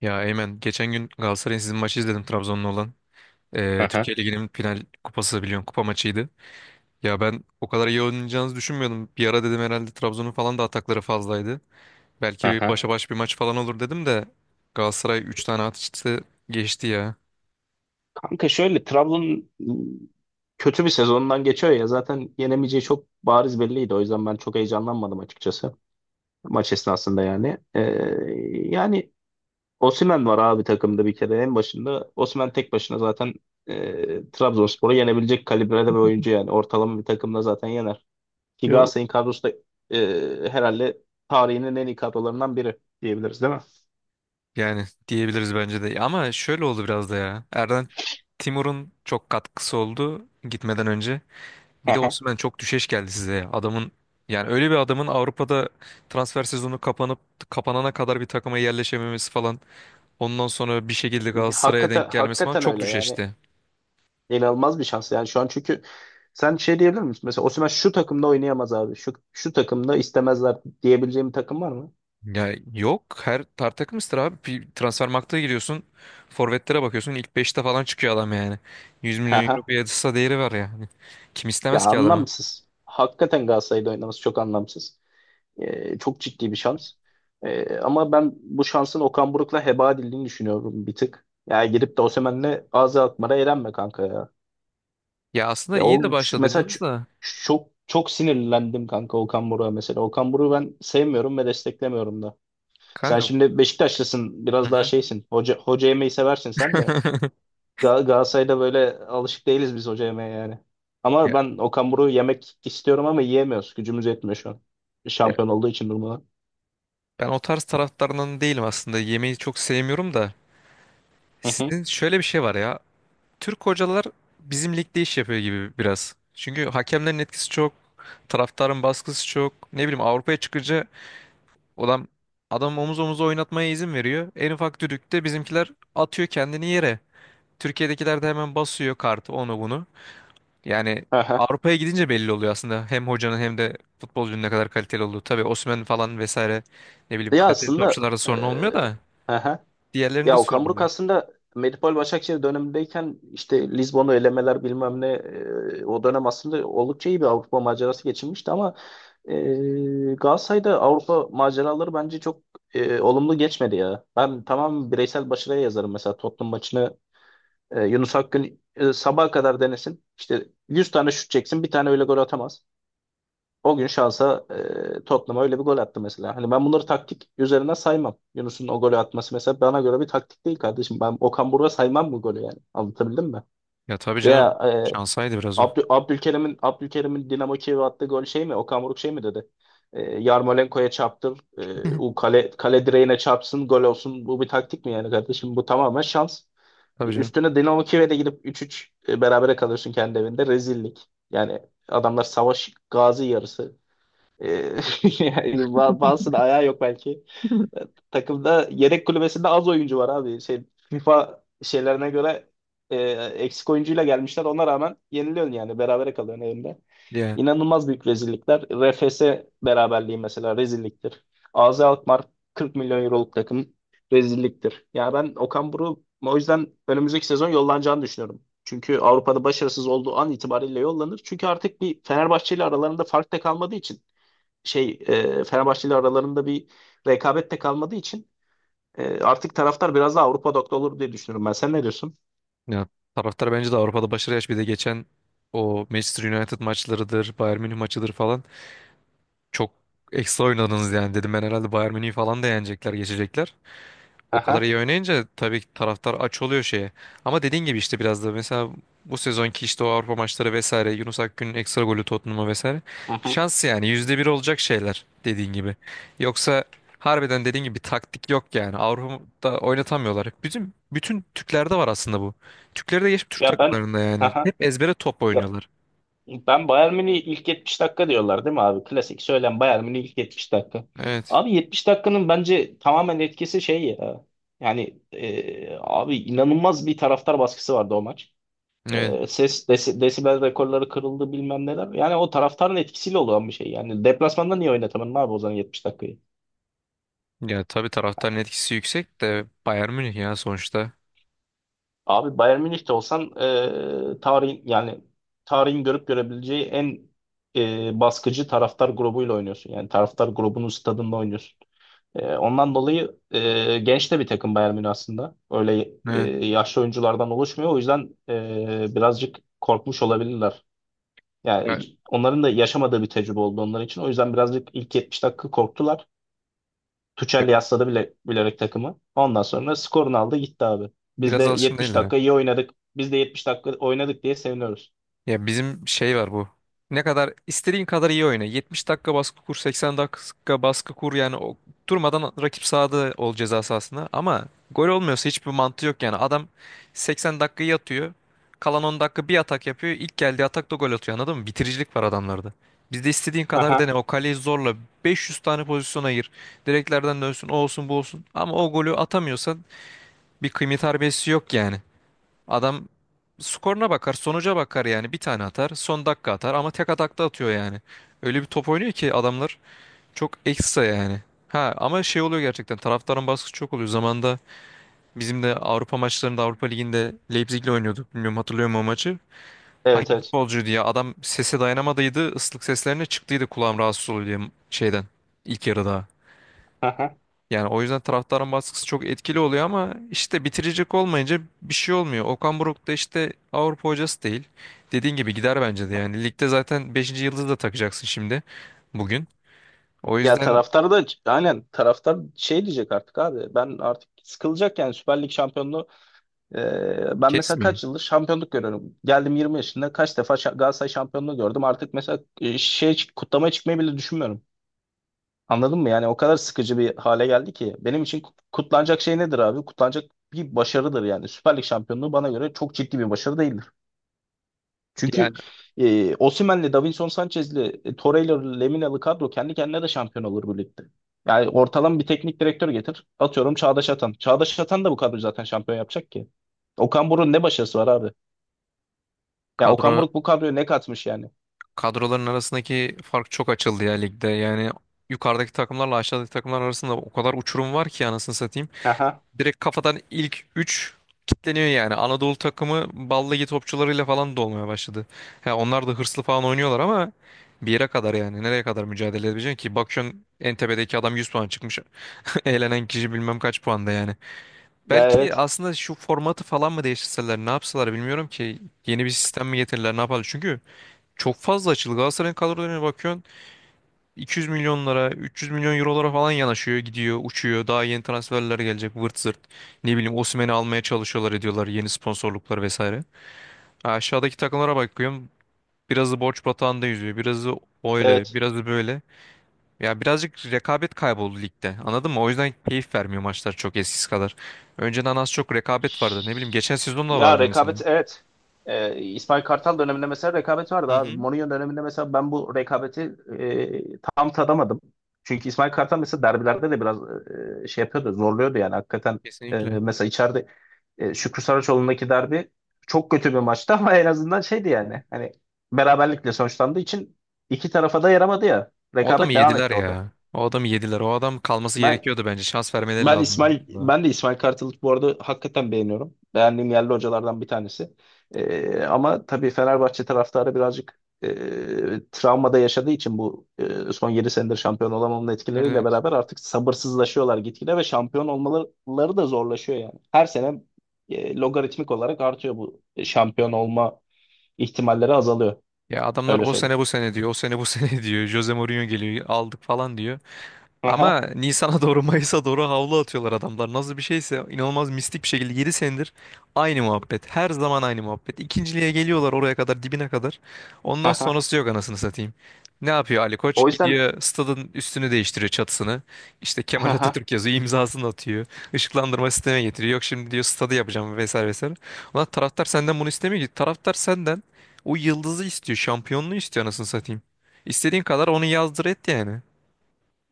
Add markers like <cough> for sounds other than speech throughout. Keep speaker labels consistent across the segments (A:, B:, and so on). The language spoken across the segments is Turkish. A: Ya Eymen geçen gün Galatasaray'ın sizin maçı izledim Trabzon'la olan.
B: Aha,
A: Türkiye Ligi'nin final kupası biliyorsun kupa maçıydı. Ya ben o kadar iyi oynayacağınızı düşünmüyordum. Bir ara dedim herhalde Trabzon'un falan da atakları fazlaydı. Belki bir
B: aha.
A: başa baş bir maç falan olur dedim de Galatasaray 3 tane atıştı geçti ya.
B: Kanka şöyle Trabzon kötü bir sezondan geçiyor ya zaten yenemeyeceği çok bariz belliydi. O yüzden ben çok heyecanlanmadım açıkçası maç esnasında yani. Yani Osimhen var abi takımda bir kere en başında. Osimhen tek başına zaten Trabzonspor'u yenebilecek kalibrede bir oyuncu yani. Ortalama bir takımda zaten yener. Ki
A: Ya,
B: Galatasaray'ın kadrosu da herhalde tarihinin en iyi kadrolarından biri diyebiliriz değil mi?
A: yani diyebiliriz bence de. Ama şöyle oldu biraz da ya. Erden Timur'un çok katkısı oldu gitmeden önce. Bir de
B: Aha.
A: Osimhen çok düşeş geldi size ya. Yani öyle bir adamın Avrupa'da transfer sezonu kapanıp kapanana kadar bir takıma yerleşememesi falan. Ondan sonra bir şekilde Galatasaray'a
B: Hakikaten,
A: denk gelmesi falan
B: hakikaten
A: çok
B: öyle yani.
A: düşeşti.
B: İnanılmaz bir şans yani şu an, çünkü sen şey diyebilir misin? Mesela Osimhen şu takımda oynayamaz abi. Şu şu takımda istemezler diyebileceğim bir takım var mı?
A: Ya yok, her takımızdır abi. Bir transfer giriyorsun. Forvetlere bakıyorsun. İlk beşte falan çıkıyor adam yani. 100 milyon euro
B: Haha.
A: piyasa değeri var yani. Kim
B: Ya
A: istemez ki adamı?
B: anlamsız. Hakikaten Galatasaray'da oynaması çok anlamsız. Çok ciddi bir şans. Ama ben bu şansın Okan Buruk'la heba edildiğini düşünüyorum bir tık. Ya gidip de Osimhen'le ağzı atmara eğlenme kanka ya.
A: Ya aslında
B: Ya o
A: iyi de
B: mesela
A: başladınız da.
B: çok çok sinirlendim kanka Okan Buruk'a mesela. Okan Buruk'u ben sevmiyorum ve desteklemiyorum da. Sen
A: Kanka.
B: şimdi Beşiktaşlısın,
A: Hı
B: biraz daha
A: hı.
B: şeysin. Hoca yemeyi seversin sen de.
A: <laughs>
B: Galatasaray'da böyle alışık değiliz biz hoca yemeye yani. Ama
A: Ya,
B: ben Okan Buruk'u yemek istiyorum ama yiyemiyoruz. Gücümüz yetmiyor şu an.
A: ya
B: Şampiyon olduğu için durmadan.
A: ben o tarz taraftarından değilim aslında. Yemeği çok sevmiyorum da.
B: Hı hı.
A: Sizin şöyle bir şey var ya. Türk hocalar bizim ligde iş yapıyor gibi biraz. Çünkü hakemlerin etkisi çok, taraftarın baskısı çok. Ne bileyim Avrupa'ya çıkınca adam adam omuz omuza oynatmaya izin veriyor. En ufak düdükte bizimkiler atıyor kendini yere. Türkiye'dekiler de hemen basıyor kartı, onu bunu. Yani
B: Aha.
A: Avrupa'ya gidince belli oluyor aslında hem hocanın hem de futbolcunun ne kadar kaliteli olduğu. Tabii Osimhen falan vesaire, ne bileyim,
B: Ya
A: kaliteli
B: aslında
A: topçularda sorun olmuyor
B: eee,
A: da
B: Aha.
A: diğerlerinde
B: Ya Okan
A: sorun
B: Buruk
A: oluyor.
B: aslında Medipol Başakşehir dönemindeyken işte Lizbon'u elemeler bilmem ne o dönem aslında oldukça iyi bir Avrupa macerası geçirmişti, ama Galatasaray'da Avrupa maceraları bence çok olumlu geçmedi ya. Ben tamam, bireysel başarıya yazarım mesela Tottenham maçını. Yunus Akgün sabaha kadar denesin. İşte 100 tane şut çeksin, bir tane öyle gol atamaz. O gün şansa Tottenham'a öyle bir gol attı mesela. Hani ben bunları taktik üzerine saymam. Yunus'un o golü atması mesela bana göre bir taktik değil kardeşim. Ben Okan Buruk'a saymam bu golü yani. Anlatabildim mi?
A: Ya tabii canım,
B: Veya
A: şansaydı biraz o.
B: Abdülkerim'in Dinamo Kiev'e attığı gol şey mi? Okan Buruk şey mi dedi? Yarmolenko'ya çarptır. E,
A: <laughs>
B: o kale direğine çarpsın, gol olsun. Bu bir taktik mi yani kardeşim? Bu tamamen şans.
A: Tabii canım.
B: Üstüne Dinamo Kiev'e de gidip 3-3 berabere kalıyorsun kendi evinde. Rezillik. Yani adamlar savaş gazi yarısı. E, <laughs> yani bazısının ayağı yok belki. Takımda yedek kulübesinde az oyuncu var abi. Şey, FIFA şeylerine göre eksik oyuncuyla gelmişler. Ona rağmen yeniliyorsun yani. Berabere kalıyorsun evinde.
A: Yani,
B: İnanılmaz büyük rezillikler. RFS beraberliği mesela rezilliktir. AZ Alkmaar, 40 milyon euroluk takım, rezilliktir. Yani ben Okan Buruk'u o yüzden önümüzdeki sezon yollanacağını düşünüyorum. Çünkü Avrupa'da başarısız olduğu an itibariyle yollanır. Çünkü artık bir Fenerbahçe ile aralarında fark da kalmadığı için, şey, Fenerbahçe ile aralarında bir rekabet de kalmadığı için artık taraftar biraz daha Avrupa odaklı olur diye düşünüyorum ben. Sen ne diyorsun?
A: ya, taraftar bence de Avrupa'da başarı yaş, bir de geçen o Manchester United maçlarıdır, Bayern Münih maçıdır falan, çok ekstra oynadınız yani. Dedim ben herhalde Bayern Münih'i falan da yenecekler, geçecekler. O kadar
B: Aha,
A: iyi oynayınca tabii ki taraftar aç oluyor şeye. Ama dediğin gibi işte biraz da mesela bu sezonki işte o Avrupa maçları vesaire, Yunus Akgün'ün ekstra golü Tottenham'a vesaire,
B: aha.
A: şans yani, %1 olacak şeyler dediğin gibi. Yoksa harbiden dediğin gibi bir taktik yok yani. Avrupa'da oynatamıyorlar. Bütün bütün Türklerde var aslında bu. Türkleri de geçip Türk
B: Ya ben,
A: takımlarında yani.
B: aha,
A: Hep ezbere top
B: ya
A: oynuyorlar.
B: ben Bayern Münih ilk 70 dakika diyorlar değil mi abi? Klasik söylem, Bayern Münih ilk 70 dakika.
A: Evet.
B: Abi 70 dakikanın bence tamamen etkisi şey ya. Yani abi inanılmaz bir taraftar baskısı vardı o maç.
A: Evet.
B: Ses desibel rekorları kırıldı bilmem neler. Yani o taraftarın etkisiyle olan bir şey. Yani deplasmanda niye oynatamadın abi o zaman 70 dakikayı?
A: Ya tabii taraftarın etkisi yüksek de Bayern Münih ya sonuçta.
B: Abi Bayern Münih'te olsan, tarihin yani tarihin görüp görebileceği en baskıcı taraftar grubuyla oynuyorsun. Yani taraftar grubunun stadında oynuyorsun. Ondan dolayı genç de bir takım Bayern Münih aslında. Öyle
A: Evet.
B: yaşlı oyunculardan oluşmuyor. O yüzden birazcık korkmuş olabilirler. Yani
A: Ya,
B: onların da yaşamadığı bir tecrübe oldu onlar için. O yüzden birazcık ilk 70 dakika korktular.
A: ya,
B: Tuchel yasladı bile, bilerek takımı. Ondan sonra skorunu aldı gitti abi. Biz de
A: biraz alışkın
B: 70
A: değiller.
B: dakika iyi oynadık. Biz de 70 dakika oynadık diye seviniyoruz.
A: Ya bizim şey var bu. Ne kadar istediğin kadar iyi oyna, 70 dakika baskı kur, 80 dakika baskı kur yani, o durmadan rakip sahada ol, ceza sahasında. Ama gol olmuyorsa hiçbir mantığı yok yani. Adam 80 dakikayı atıyor, kalan 10 dakika bir atak yapıyor. İlk geldiği atakta gol atıyor, anladın mı? Bitiricilik var adamlarda. Bizde istediğin kadar
B: Aha.
A: dene, o kaleyi zorla, 500 tane pozisyon ayır. Direklerden dönsün, o olsun, bu olsun. Ama o golü atamıyorsan bir kıymet harbiyesi yok yani. Adam skoruna bakar, sonuca bakar yani. Bir tane atar, son dakika atar, ama tek atakta atıyor yani. Öyle bir top oynuyor ki adamlar, çok ekstra yani. Ha ama şey oluyor, gerçekten taraftarın baskısı çok oluyor. Zamanında bizim de Avrupa maçlarında, Avrupa Ligi'nde Leipzig'le oynuyorduk. Bilmiyorum, hatırlıyor musun o maçı?
B: Evet,
A: Hangi
B: evet.
A: futbolcu diye adam sese dayanamadıydı. Islık seslerine çıktıydı, kulağım rahatsız oluyor diye, şeyden ilk yarıda.
B: Aha.
A: Yani o yüzden taraftarın baskısı çok etkili oluyor ama işte bitirecek olmayınca bir şey olmuyor. Okan Buruk da işte Avrupa hocası değil. Dediğin gibi gider bence de yani. Ligde zaten beşinci yıldızı da takacaksın şimdi, bugün. O
B: Ya
A: yüzden
B: taraftar da aynen, taraftar şey diyecek artık abi. Ben artık sıkılacak yani Süper Lig şampiyonluğu. Ben mesela
A: kesmiyor.
B: kaç yıldır şampiyonluk görüyorum. Geldim 20 yaşında, kaç defa Galatasaray şampiyonluğu gördüm. Artık mesela şey, kutlama çıkmayı bile düşünmüyorum. Anladın mı? Yani o kadar sıkıcı bir hale geldi ki. Benim için kutlanacak şey nedir abi? Kutlanacak bir başarıdır yani. Süper Lig şampiyonluğu bana göre çok ciddi bir başarı değildir. Çünkü
A: Yani
B: Osimhen'le, Davinson Sanchez'li, Torreira'lı, Lemina'lı kadro kendi kendine de şampiyon olur bu ligde. Yani ortalama bir teknik direktör getir. Atıyorum, Çağdaş Atan. Çağdaş Atan da bu kadroyu zaten şampiyon yapacak ki. Okan Buruk'un ne başarısı var abi? Ya Okan
A: kadro
B: Buruk bu kadroya ne katmış yani?
A: kadroların arasındaki fark çok açıldı ya ligde. Yani yukarıdaki takımlarla aşağıdaki takımlar arasında o kadar uçurum var ki anasını satayım.
B: Aha.
A: Direkt kafadan ilk 3 kitleniyor yani. Anadolu takımı balligi topçularıyla falan dolmaya başladı. Ha, onlar da hırslı falan oynuyorlar ama bir yere kadar yani. Nereye kadar mücadele edebileceksin ki? Bakıyorsun, en adam 100 puan çıkmış. <laughs> Eğlenen kişi bilmem kaç puanda yani.
B: Ya,
A: Belki
B: evet.
A: aslında şu formatı falan mı değiştirseler, ne yapsalar bilmiyorum ki. Yeni bir sistem mi getirirler, ne yaparlar. Çünkü çok fazla açıldı. Galatasaray'ın kadrolarına bakıyorsun: 200 milyonlara, 300 milyon eurolara falan yanaşıyor, gidiyor, uçuyor. Daha yeni transferler gelecek, vırt zırt. Ne bileyim Osimhen'i almaya çalışıyorlar, ediyorlar, yeni sponsorluklar vesaire. Ha, aşağıdaki takımlara bakıyorum. Birazı borç batağında yüzüyor, birazı öyle,
B: Evet.
A: birazı böyle. Ya birazcık rekabet kayboldu ligde, anladın mı? O yüzden keyif vermiyor maçlar çok eskisi kadar. Önceden az çok rekabet vardı. Ne bileyim geçen sezon da
B: Ya,
A: vardı mesela.
B: rekabet, evet. İsmail Kartal döneminde mesela rekabet vardı
A: Hı
B: abi.
A: hı.
B: Mourinho döneminde mesela ben bu rekabeti tam tadamadım. Çünkü İsmail Kartal mesela derbilerde de biraz şey yapıyordu, zorluyordu yani hakikaten. E,
A: Kesinlikle.
B: mesela içeride Şükrü Saraçoğlu'ndaki derbi çok kötü bir maçtı <laughs> ama en azından şeydi yani. Hani, beraberlikle sonuçlandığı için iki tarafa da yaramadı ya.
A: O adamı
B: Rekabet devam
A: yediler
B: etti orada.
A: ya. O adamı yediler. O adam kalması
B: Ben
A: gerekiyordu bence. Şans vermeleri
B: ben
A: lazımdı.
B: İsmail ben de İsmail Kartal'ı bu arada hakikaten beğeniyorum. Beğendiğim yerli hocalardan bir tanesi. Ama tabii Fenerbahçe taraftarı birazcık travmada yaşadığı için bu son 7 senedir şampiyon olamamanın etkileriyle
A: Evet.
B: beraber artık sabırsızlaşıyorlar gitgide, ve şampiyon olmaları da zorlaşıyor yani. Her sene logaritmik olarak artıyor bu şampiyon olma ihtimalleri azalıyor.
A: Ya adamlar
B: Öyle
A: o
B: söyleyeyim.
A: sene bu sene diyor. O sene bu sene <laughs> diyor. Jose Mourinho geliyor, aldık falan diyor. Ama
B: Aha,
A: Nisan'a doğru, Mayıs'a doğru havlu atıyorlar adamlar. Nasıl bir şeyse, inanılmaz mistik bir şekilde 7 senedir aynı muhabbet. Her zaman aynı muhabbet. İkinciliğe geliyorlar, oraya kadar, dibine kadar. Ondan
B: aha.
A: sonrası yok anasını satayım. Ne yapıyor Ali
B: O
A: Koç?
B: yüzden
A: Gidiyor stadın üstünü değiştiriyor, çatısını. İşte Kemal Atatürk
B: <laughs>
A: yazıyor, imzasını atıyor. Işıklandırma sistemi getiriyor. Yok şimdi diyor stadı yapacağım vesaire vesaire. Ulan taraftar senden bunu istemiyor ki. Taraftar senden o yıldızı istiyor, şampiyonluğu istiyor anasını satayım. İstediğin kadar onu yazdır et yani.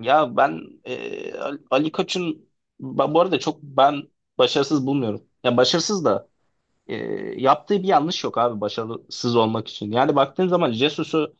B: Ya ben Ali Koç'un bu arada çok ben başarısız bulmuyorum. Ya başarısız da e, yaptığı bir yanlış yok abi başarısız olmak için. Yani baktığın zaman, Jesus'u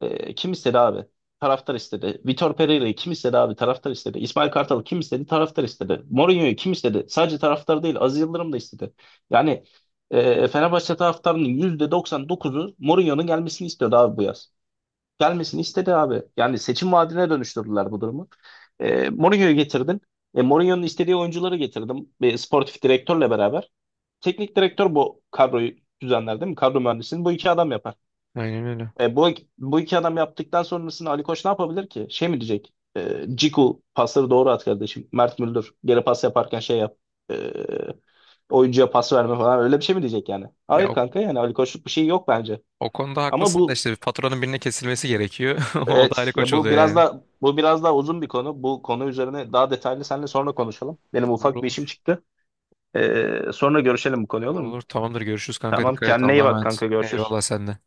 B: kim istedi abi? Taraftar istedi. Vitor Pereira'yı kim istedi abi? Taraftar istedi. İsmail Kartal'ı kim istedi? Taraftar istedi. Mourinho'yu kim istedi? Sadece taraftar değil, Aziz Yıldırım da istedi. Yani Fenerbahçe taraftarının %99'u Mourinho'nun gelmesini istiyordu abi, bu yaz gelmesini istedi abi. Yani seçim vaadine dönüştürdüler bu durumu. Mourinho'yu getirdin. Mourinho'nun istediği oyuncuları getirdim. Sportif direktörle beraber. Teknik direktör bu kadroyu düzenler değil mi? Kadro mühendisini bu iki adam yapar.
A: Aynen öyle.
B: E, bu, bu iki adam yaptıktan sonrasında Ali Koç ne yapabilir ki? Şey mi diyecek? Ciku pasları doğru at kardeşim. Mert Müldür geri pas yaparken şey yap. E, oyuncuya pas verme falan, öyle bir şey mi diyecek yani?
A: Ya
B: Hayır kanka, yani Ali Koç'luk bir şey yok bence.
A: o konuda
B: Ama
A: haklısın da
B: bu
A: işte bir faturanın birine kesilmesi gerekiyor. <laughs> O da Ali
B: Evet,
A: Koç
B: ya
A: oluyor yani.
B: bu biraz daha uzun bir konu. Bu konu üzerine daha detaylı seninle sonra konuşalım. Benim
A: Olur
B: ufak bir işim
A: olur.
B: çıktı. Sonra görüşelim bu konuyu,
A: Olur
B: olur mu?
A: olur. Tamamdır. Görüşürüz kanka.
B: Tamam,
A: Dikkat et.
B: kendine
A: Allah'a
B: iyi bak
A: emanet.
B: kanka, görüşürüz.
A: Eyvallah sen de.